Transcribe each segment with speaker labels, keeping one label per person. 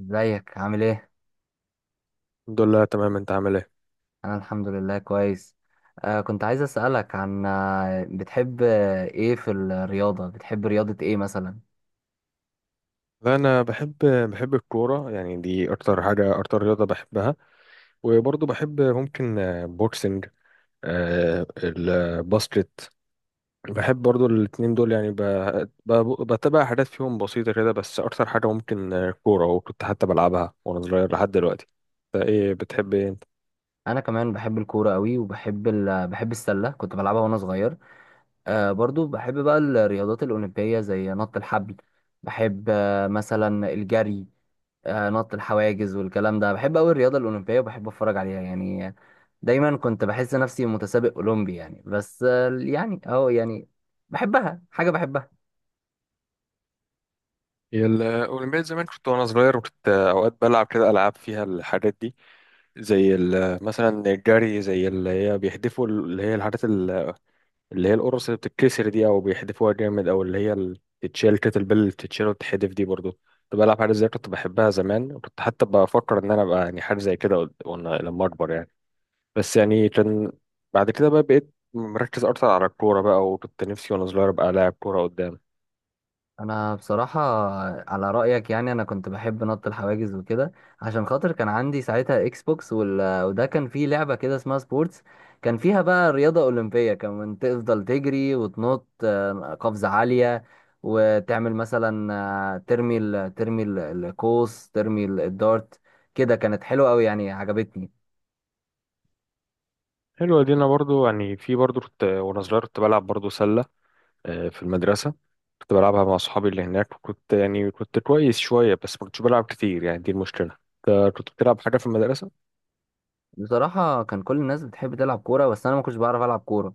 Speaker 1: ازيك عامل ايه؟
Speaker 2: الحمد لله تمام. انت عامل ايه؟
Speaker 1: انا الحمد لله كويس. كنت عايز اسالك عن بتحب ايه في الرياضه، بتحب رياضه ايه مثلا؟
Speaker 2: لا، انا بحب. بحب الكوره يعني، دي اكتر حاجه، اكتر رياضه بحبها. وبرضه بحب ممكن بوكسنج، الباسكت. بحب برضه الاتنين دول يعني بتابع حاجات فيهم بسيطه كده، بس اكتر حاجه ممكن كوره، وكنت حتى بلعبها وانا صغير لحد دلوقتي. انت ايه بتحب، ايه انت؟
Speaker 1: انا كمان بحب الكوره قوي وبحب ال... بحب السله، كنت بلعبها وانا صغير. برضو بحب بقى الرياضات الاولمبيه زي نط الحبل، بحب مثلا الجري، نط الحواجز والكلام ده. بحب قوي الرياضه الاولمبيه وبحب اتفرج عليها، يعني دايما كنت بحس نفسي متسابق اولمبي يعني، بس يعني اهو يعني، بحبها، حاجه بحبها.
Speaker 2: هي الأولمبياد زمان، كنت وأنا صغير وكنت أوقات بلعب كده ألعاب فيها الحاجات دي، زي مثلا الجري، زي اللي هي بيحدفوا اللي هي الحاجات اللي هي القرص اللي بتتكسر دي، او بيحدفوها جامد، او اللي هي اللي بتتشال، كتل بيل اللي بتتشال وتتحدف دي برضو. كنت بلعب حاجه زي، كنت بحبها زمان، وكنت حتى بفكر ان انا ابقى يعني حاجه زي كده وانا لما اكبر يعني. بس يعني كان، بعد كده بقى بقيت مركز اكتر على الكوره بقى، وكنت نفسي وانا صغير ابقى لاعب كوره قدام.
Speaker 1: انا بصراحه، على رايك، يعني انا كنت بحب نط الحواجز وكده عشان خاطر كان عندي ساعتها اكس بوكس وده كان فيه لعبه كده اسمها سبورتس، كان فيها بقى رياضه اولمبيه، كان تفضل تجري وتنط قفزه عاليه، وتعمل مثلا ترمي القوس، ترمي الدارت. كده كانت حلوه قوي يعني، عجبتني.
Speaker 2: حلوه دي. انا برضو يعني، في برضو كنت وانا صغير كنت بلعب برضو سله، في المدرسه. كنت بلعبها مع اصحابي اللي هناك، وكنت يعني كنت كويس شويه، بس ما كنتش بلعب كتير يعني، دي المشكله. كنت بتلعب حاجه في المدرسه؟
Speaker 1: بصراحه كان كل الناس بتحب تلعب كوره بس انا ما كنتش بعرف العب كوره،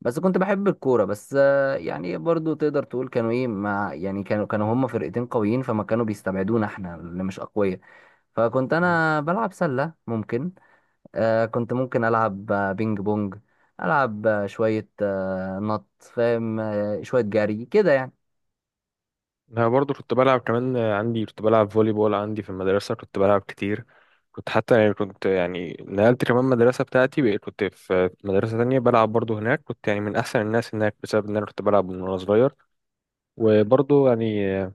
Speaker 1: بس كنت بحب الكورة. بس يعني برضو تقدر تقول كانوا ايه، مع يعني كانوا هم فرقتين قويين، فما كانوا بيستبعدونا احنا اللي مش اقوياء. فكنت انا بلعب سلة ممكن، كنت ممكن العب بينج بونج، العب شوية نط، فاهم، شوية جري كده يعني.
Speaker 2: انا برضو كنت بلعب كمان، عندي كنت بلعب فولي بول عندي في المدرسه، كنت بلعب كتير. كنت حتى يعني، كنت يعني نقلت كمان مدرسه بتاعتي، بقيت كنت في مدرسه تانية بلعب برضو هناك، كنت يعني من احسن الناس هناك بسبب ان انا كنت بلعب من وانا صغير. وبرضو يعني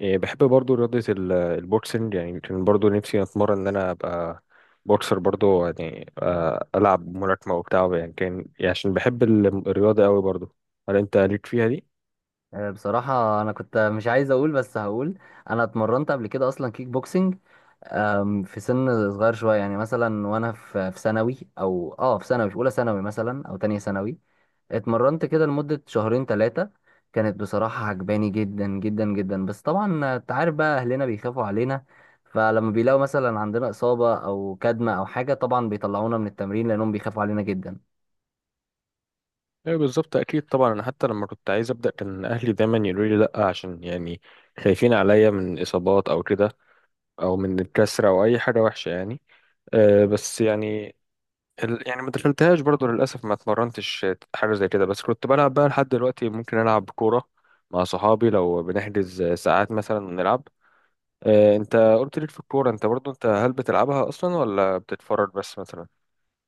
Speaker 2: بحب برضو رياضه البوكسنج يعني، كان برضو نفسي اتمرن ان انا ابقى بوكسر برضو يعني، العب ملاكمه وبتاع يعني، كان يعني عشان بحب الرياضه قوي برضو. هل انت ليك فيها دي؟
Speaker 1: بصراحة انا كنت مش عايز اقول بس هقول، انا اتمرنت قبل كده اصلا كيك بوكسنج. في سن صغير شوية يعني، مثلا وأنا في ثانوي، أو في ثانوي في أولى ثانوي مثلا أو تانية ثانوي. اتمرنت كده لمدة شهرين ثلاثة، كانت بصراحة عجباني جدا جدا جدا، بس طبعا انت عارف بقى اهلنا بيخافوا علينا، فلما بيلاقوا مثلا عندنا إصابة او كدمة او حاجة طبعا بيطلعونا من التمرين لانهم بيخافوا علينا جدا.
Speaker 2: ايوه بالظبط، اكيد طبعا. انا حتى لما كنت عايز ابدا كان اهلي دايما يقولوا لي لا، عشان يعني خايفين عليا من اصابات او كده، او من الكسره او اي حاجه وحشه يعني. أه بس يعني، يعني ما دخلتهاش برضو للاسف، ما اتمرنتش حاجه زي كده. بس كنت بلعب بقى لحد دلوقتي، ممكن العب كوره مع صحابي لو بنحجز ساعات مثلا ونلعب. أه انت قلت ليك في الكوره، انت برضو انت هل بتلعبها اصلا ولا بتتفرج بس مثلا؟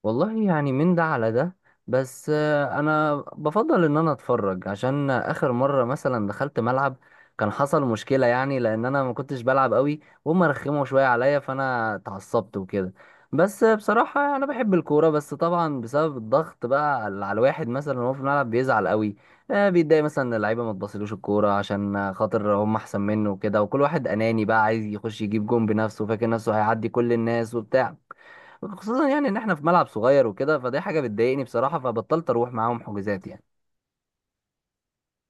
Speaker 1: والله يعني من ده على ده، بس انا بفضل ان انا اتفرج، عشان اخر مره مثلا دخلت ملعب كان حصل مشكله، يعني لان انا ما كنتش بلعب قوي وهم رخموا شويه عليا فانا اتعصبت وكده. بس بصراحه يعني انا بحب الكوره، بس طبعا بسبب الضغط بقى على الواحد مثلا وهو في الملعب بيزعل قوي، بيتضايق مثلا ان اللعيبه ما تبصلوش الكوره عشان خاطر هم احسن منه وكده، وكل واحد اناني بقى عايز يخش يجيب جون بنفسه، فاكر نفسه هيعدي كل الناس وبتاع. خصوصا يعني ان احنا في ملعب صغير وكده، فدي حاجه بتضايقني بصراحه، فبطلت اروح معاهم حجوزات يعني.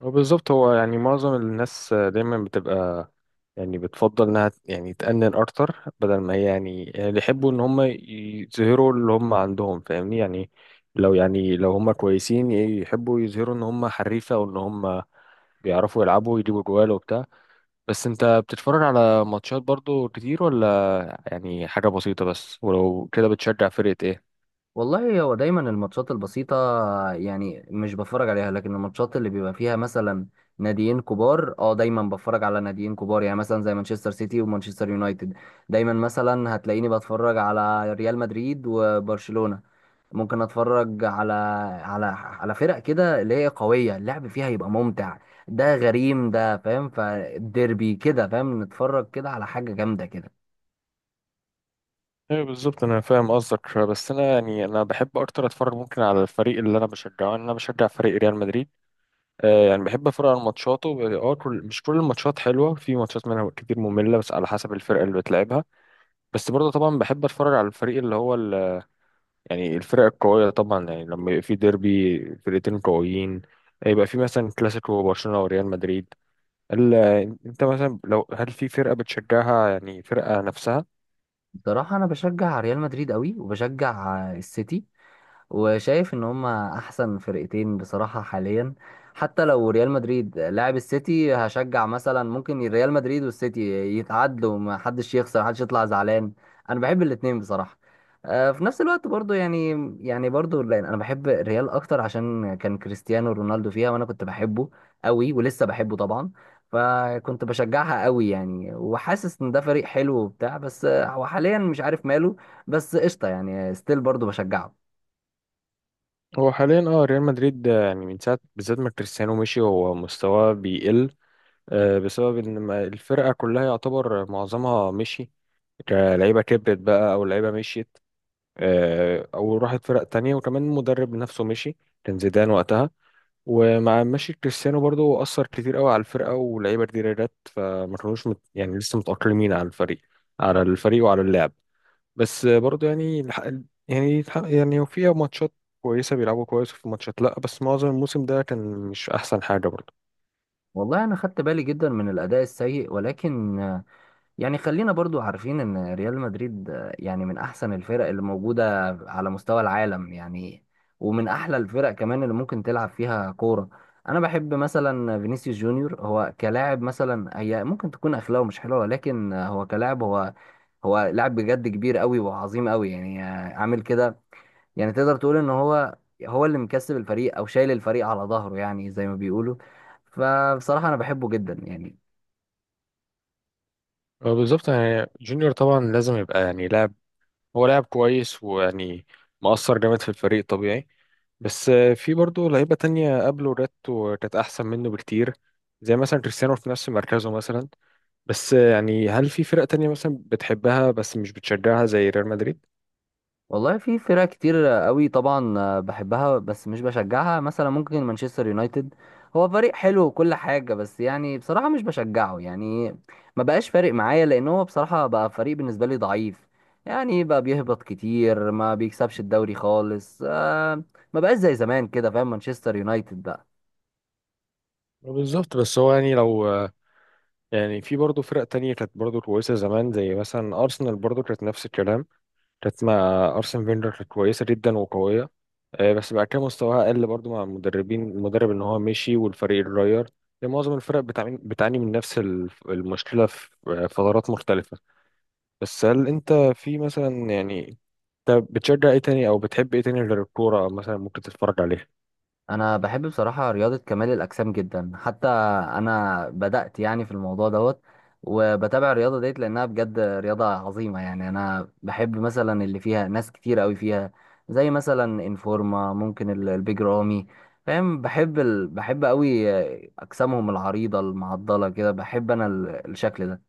Speaker 2: هو بالظبط، هو يعني معظم الناس دايما بتبقى يعني بتفضل انها يعني تأنن اكتر، بدل ما هي يعني يعني اللي يحبوا ان هم يظهروا اللي هم عندهم، فاهمني يعني؟ لو يعني لو هم كويسين يحبوا يظهروا ان هم حريفة وان هم بيعرفوا يلعبوا ويجيبوا جوال وبتاع. بس انت بتتفرج على ماتشات برضو كتير، ولا يعني حاجة بسيطة بس؟ ولو كده، بتشجع فرقة ايه؟
Speaker 1: والله هو دايما الماتشات البسيطه يعني مش بتفرج عليها، لكن الماتشات اللي بيبقى فيها مثلا ناديين كبار، دايما بتفرج على ناديين كبار، يعني مثلا زي مانشستر سيتي ومانشستر يونايتد، دايما مثلا هتلاقيني بتفرج على ريال مدريد وبرشلونه. ممكن اتفرج على على فرق كده اللي هي قوية، اللعب فيها يبقى ممتع، ده غريم ده، فاهم؟ فالديربي كده، فاهم، نتفرج كده على حاجة جامدة كده.
Speaker 2: ايوه بالظبط، انا فاهم قصدك. بس انا يعني انا بحب اكتر اتفرج ممكن على الفريق اللي انا بشجعه، انا بشجع فريق ريال مدريد. يعني بحب اتفرج على ماتشاته. اه، كل، مش كل الماتشات حلوه، في ماتشات منها كتير ممله، بس على حسب الفرقه اللي بتلعبها. بس برضه طبعا بحب اتفرج على الفريق اللي هو ال... يعني الفرق القويه طبعا يعني، لما يبقى في ديربي فرقتين قويين، يبقى في مثلا كلاسيكو برشلونه وريال مدريد. ال... انت مثلا لو، هل في فرقه بتشجعها يعني، فرقه نفسها؟
Speaker 1: بصراحة أنا بشجع ريال مدريد قوي، وبشجع السيتي، وشايف إن هما أحسن فرقتين بصراحة حاليا. حتى لو ريال مدريد لاعب السيتي هشجع، مثلا ممكن ريال مدريد والسيتي يتعادلوا، ما حدش يخسر، حدش يطلع زعلان. أنا بحب الاتنين بصراحة في نفس الوقت برضو، يعني، يعني برضو لأن أنا بحب الريال أكتر عشان كان كريستيانو رونالدو فيها، وأنا كنت بحبه قوي ولسه بحبه طبعا. فكنت بشجعها قوي يعني، وحاسس ان ده فريق حلو وبتاع، بس هو حاليا مش عارف ماله. بس قشطه يعني، ستيل برضو بشجعه.
Speaker 2: هو حاليا اه ريال مدريد يعني من ساعه بالذات ما كريستيانو مشي هو مستواه بيقل، بسبب ان الفرقه كلها يعتبر معظمها مشي. لعيبه كبرت بقى او لعيبه مشيت، او راحت فرق تانية. وكمان المدرب نفسه مشي، كان زيدان وقتها. ومع مشي كريستيانو برضو اثر كتير قوي على الفرقه، ولعيبه كتير جت فما كانوش مت يعني لسه متاقلمين على الفريق، على الفريق وعلى اللعب. بس برضو يعني يعني يعني فيها ماتشات كويسه بيلعبوا كويس، وفي ماتشات لا، بس معظم الموسم ده كان مش احسن حاجه برضو.
Speaker 1: والله انا خدت بالي جدا من الاداء السيء، ولكن يعني خلينا برضو عارفين ان ريال مدريد يعني من احسن الفرق اللي موجوده على مستوى العالم يعني، ومن احلى الفرق كمان اللي ممكن تلعب فيها كوره. انا بحب مثلا فينيسيوس جونيور، هو كلاعب مثلا هي ممكن تكون اخلاقه مش حلوه، ولكن هو كلاعب هو لاعب بجد، كبير قوي وعظيم قوي يعني، عامل كده، يعني تقدر تقول ان هو اللي مكسب الفريق، او شايل الفريق على ظهره يعني زي ما بيقولوا. فبصراحة انا بحبه جدا يعني.
Speaker 2: بالظبط، يعني جونيور طبعا لازم يبقى يعني لاعب، هو لاعب كويس ويعني مؤثر جامد في الفريق طبيعي. بس في برضه لعيبة تانية قبله جت وكانت أحسن منه بكتير، زي مثلا كريستيانو في نفس مركزه مثلا. بس يعني هل في فرق تانية مثلا بتحبها بس مش بتشجعها زي ريال مدريد؟
Speaker 1: والله في فرق كتير قوي طبعا بحبها بس مش بشجعها، مثلا ممكن مانشستر يونايتد، هو فريق حلو وكل حاجة، بس يعني بصراحة مش بشجعه يعني، ما بقاش فارق معايا، لأن هو بصراحة بقى فريق بالنسبة لي ضعيف، يعني بقى بيهبط كتير، ما بيكسبش الدوري خالص، ما بقاش زي زمان كده، فاهم، مانشستر يونايتد بقى.
Speaker 2: بالظبط، بس هو يعني لو يعني في برضه فرق تانية كانت برضه كويسة زمان، زي مثلا أرسنال برضه كانت نفس الكلام، كانت مع أرسن فينجر كانت كويسة جدا وقوية. بس بعد كده مستواها قل برضو مع المدربين، المدرب إن هو مشي والفريق اتغير. يعني معظم الفرق بتعاني، بتعاني من نفس المشكلة في فترات مختلفة. بس هل أنت في مثلا يعني، أنت بتشجع إيه تاني أو بتحب إيه تاني غير الكورة مثلا، ممكن تتفرج عليها؟
Speaker 1: انا بحب بصراحه رياضه كمال الاجسام جدا، حتى انا بدات يعني في الموضوع دوت، وبتابع الرياضه ديت لانها بجد رياضه عظيمه يعني. انا بحب مثلا اللي فيها ناس كتير قوي فيها زي مثلا انفورما، ممكن البيج رامي، فاهم، بحب قوي اجسامهم العريضه المعضله كده، بحب انا الشكل ده.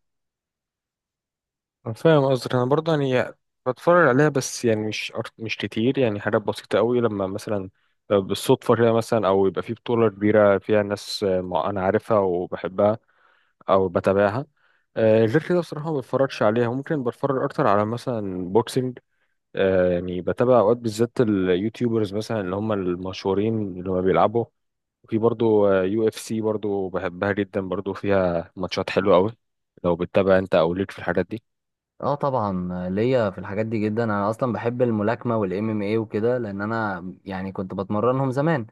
Speaker 2: أنا فاهم قصدك. انا برضه يعني بتفرج عليها، بس يعني مش مش كتير يعني، حاجات بسيطه قوي. لما مثلا بالصدفه كده مثلا، او يبقى في بطوله كبيره فيها ناس انا عارفها وبحبها او بتابعها. غير كده بصراحه ما بتفرجش عليها. ممكن بتفرج اكتر على مثلا بوكسنج، يعني بتابع اوقات بالذات اليوتيوبرز مثلا اللي هم المشهورين اللي هم بيلعبوا. وفي برضه UFC برضه بحبها جدا، برضه فيها ماتشات حلوه قوي. لو بتتابع انت، او ليك في الحاجات دي؟
Speaker 1: اه طبعا، ليا في الحاجات دي جدا. انا اصلا بحب الملاكمه والام ام اي وكده، لان انا يعني كنت بتمرنهم زمان.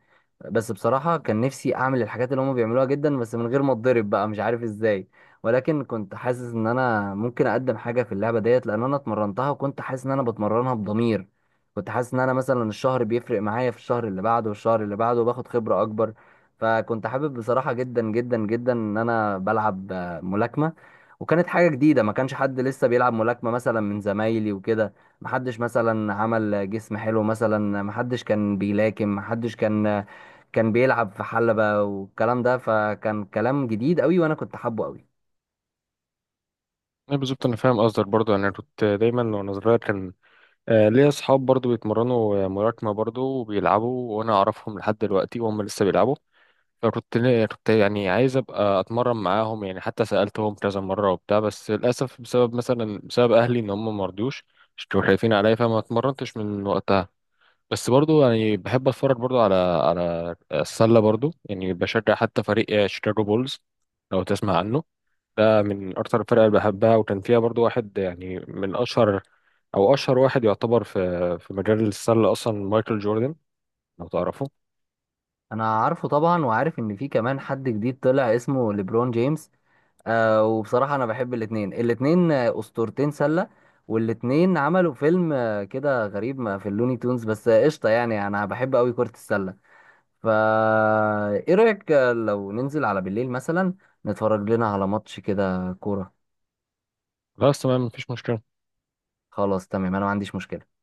Speaker 1: بس بصراحه كان نفسي اعمل الحاجات اللي هم بيعملوها جدا، بس من غير ما اتضرب بقى، مش عارف ازاي. ولكن كنت حاسس ان انا ممكن اقدم حاجه في اللعبه ديت، لان انا اتمرنتها، وكنت حاسس ان انا بتمرنها بضمير، كنت حاسس ان انا مثلا الشهر بيفرق معايا في الشهر اللي بعده والشهر اللي بعده، وباخد خبره اكبر. فكنت حابب بصراحه جدا جدا جدا ان انا بلعب ملاكمه، وكانت حاجة جديدة، ما كانش حد لسه بيلعب ملاكمة مثلا من زمايلي وكده، ما حدش مثلا عمل جسم حلو، مثلا ما حدش كان بيلاكم، ما حدش كان بيلعب في حلبة والكلام ده، فكان كلام جديد قوي، وانا كنت حابه قوي.
Speaker 2: لا بالظبط انا فاهم قصدك برضو. انا كنت دايما وانا صغير كان ليا اصحاب برضو بيتمرنوا ملاكمه برضو وبيلعبوا، وانا اعرفهم لحد دلوقتي وهم لسه بيلعبوا. فكنت، كنت يعني عايز ابقى اتمرن معاهم يعني، حتى سالتهم كذا مره وبتاع، بس للاسف بسبب مثلا بسبب اهلي ان هم ما رضوش، مش كانوا خايفين عليا، فما اتمرنتش من وقتها. بس برضو يعني بحب اتفرج برضو على، على السله برضو يعني، بشجع حتى فريق شيكاغو بولز، لو تسمع عنه. ده من اكتر الفرق اللي بحبها، وكان فيها برضو واحد يعني من اشهر، او اشهر واحد يعتبر في في مجال السله اصلا، مايكل جوردن، لو تعرفه.
Speaker 1: انا عارفه طبعا، وعارف ان في كمان حد جديد طلع اسمه ليبرون جيمس. وبصراحة انا بحب الاتنين اسطورتين سلة، والاتنين عملوا فيلم كده غريب ما في اللوني تونز، بس قشطة يعني، انا بحب قوي كرة السلة. فا ايه رأيك لو ننزل على بالليل مثلا، نتفرج لنا على ماتش كده كورة؟
Speaker 2: بس تمام، مفيش مشكله.
Speaker 1: خلاص تمام، انا ما عنديش مشكلة.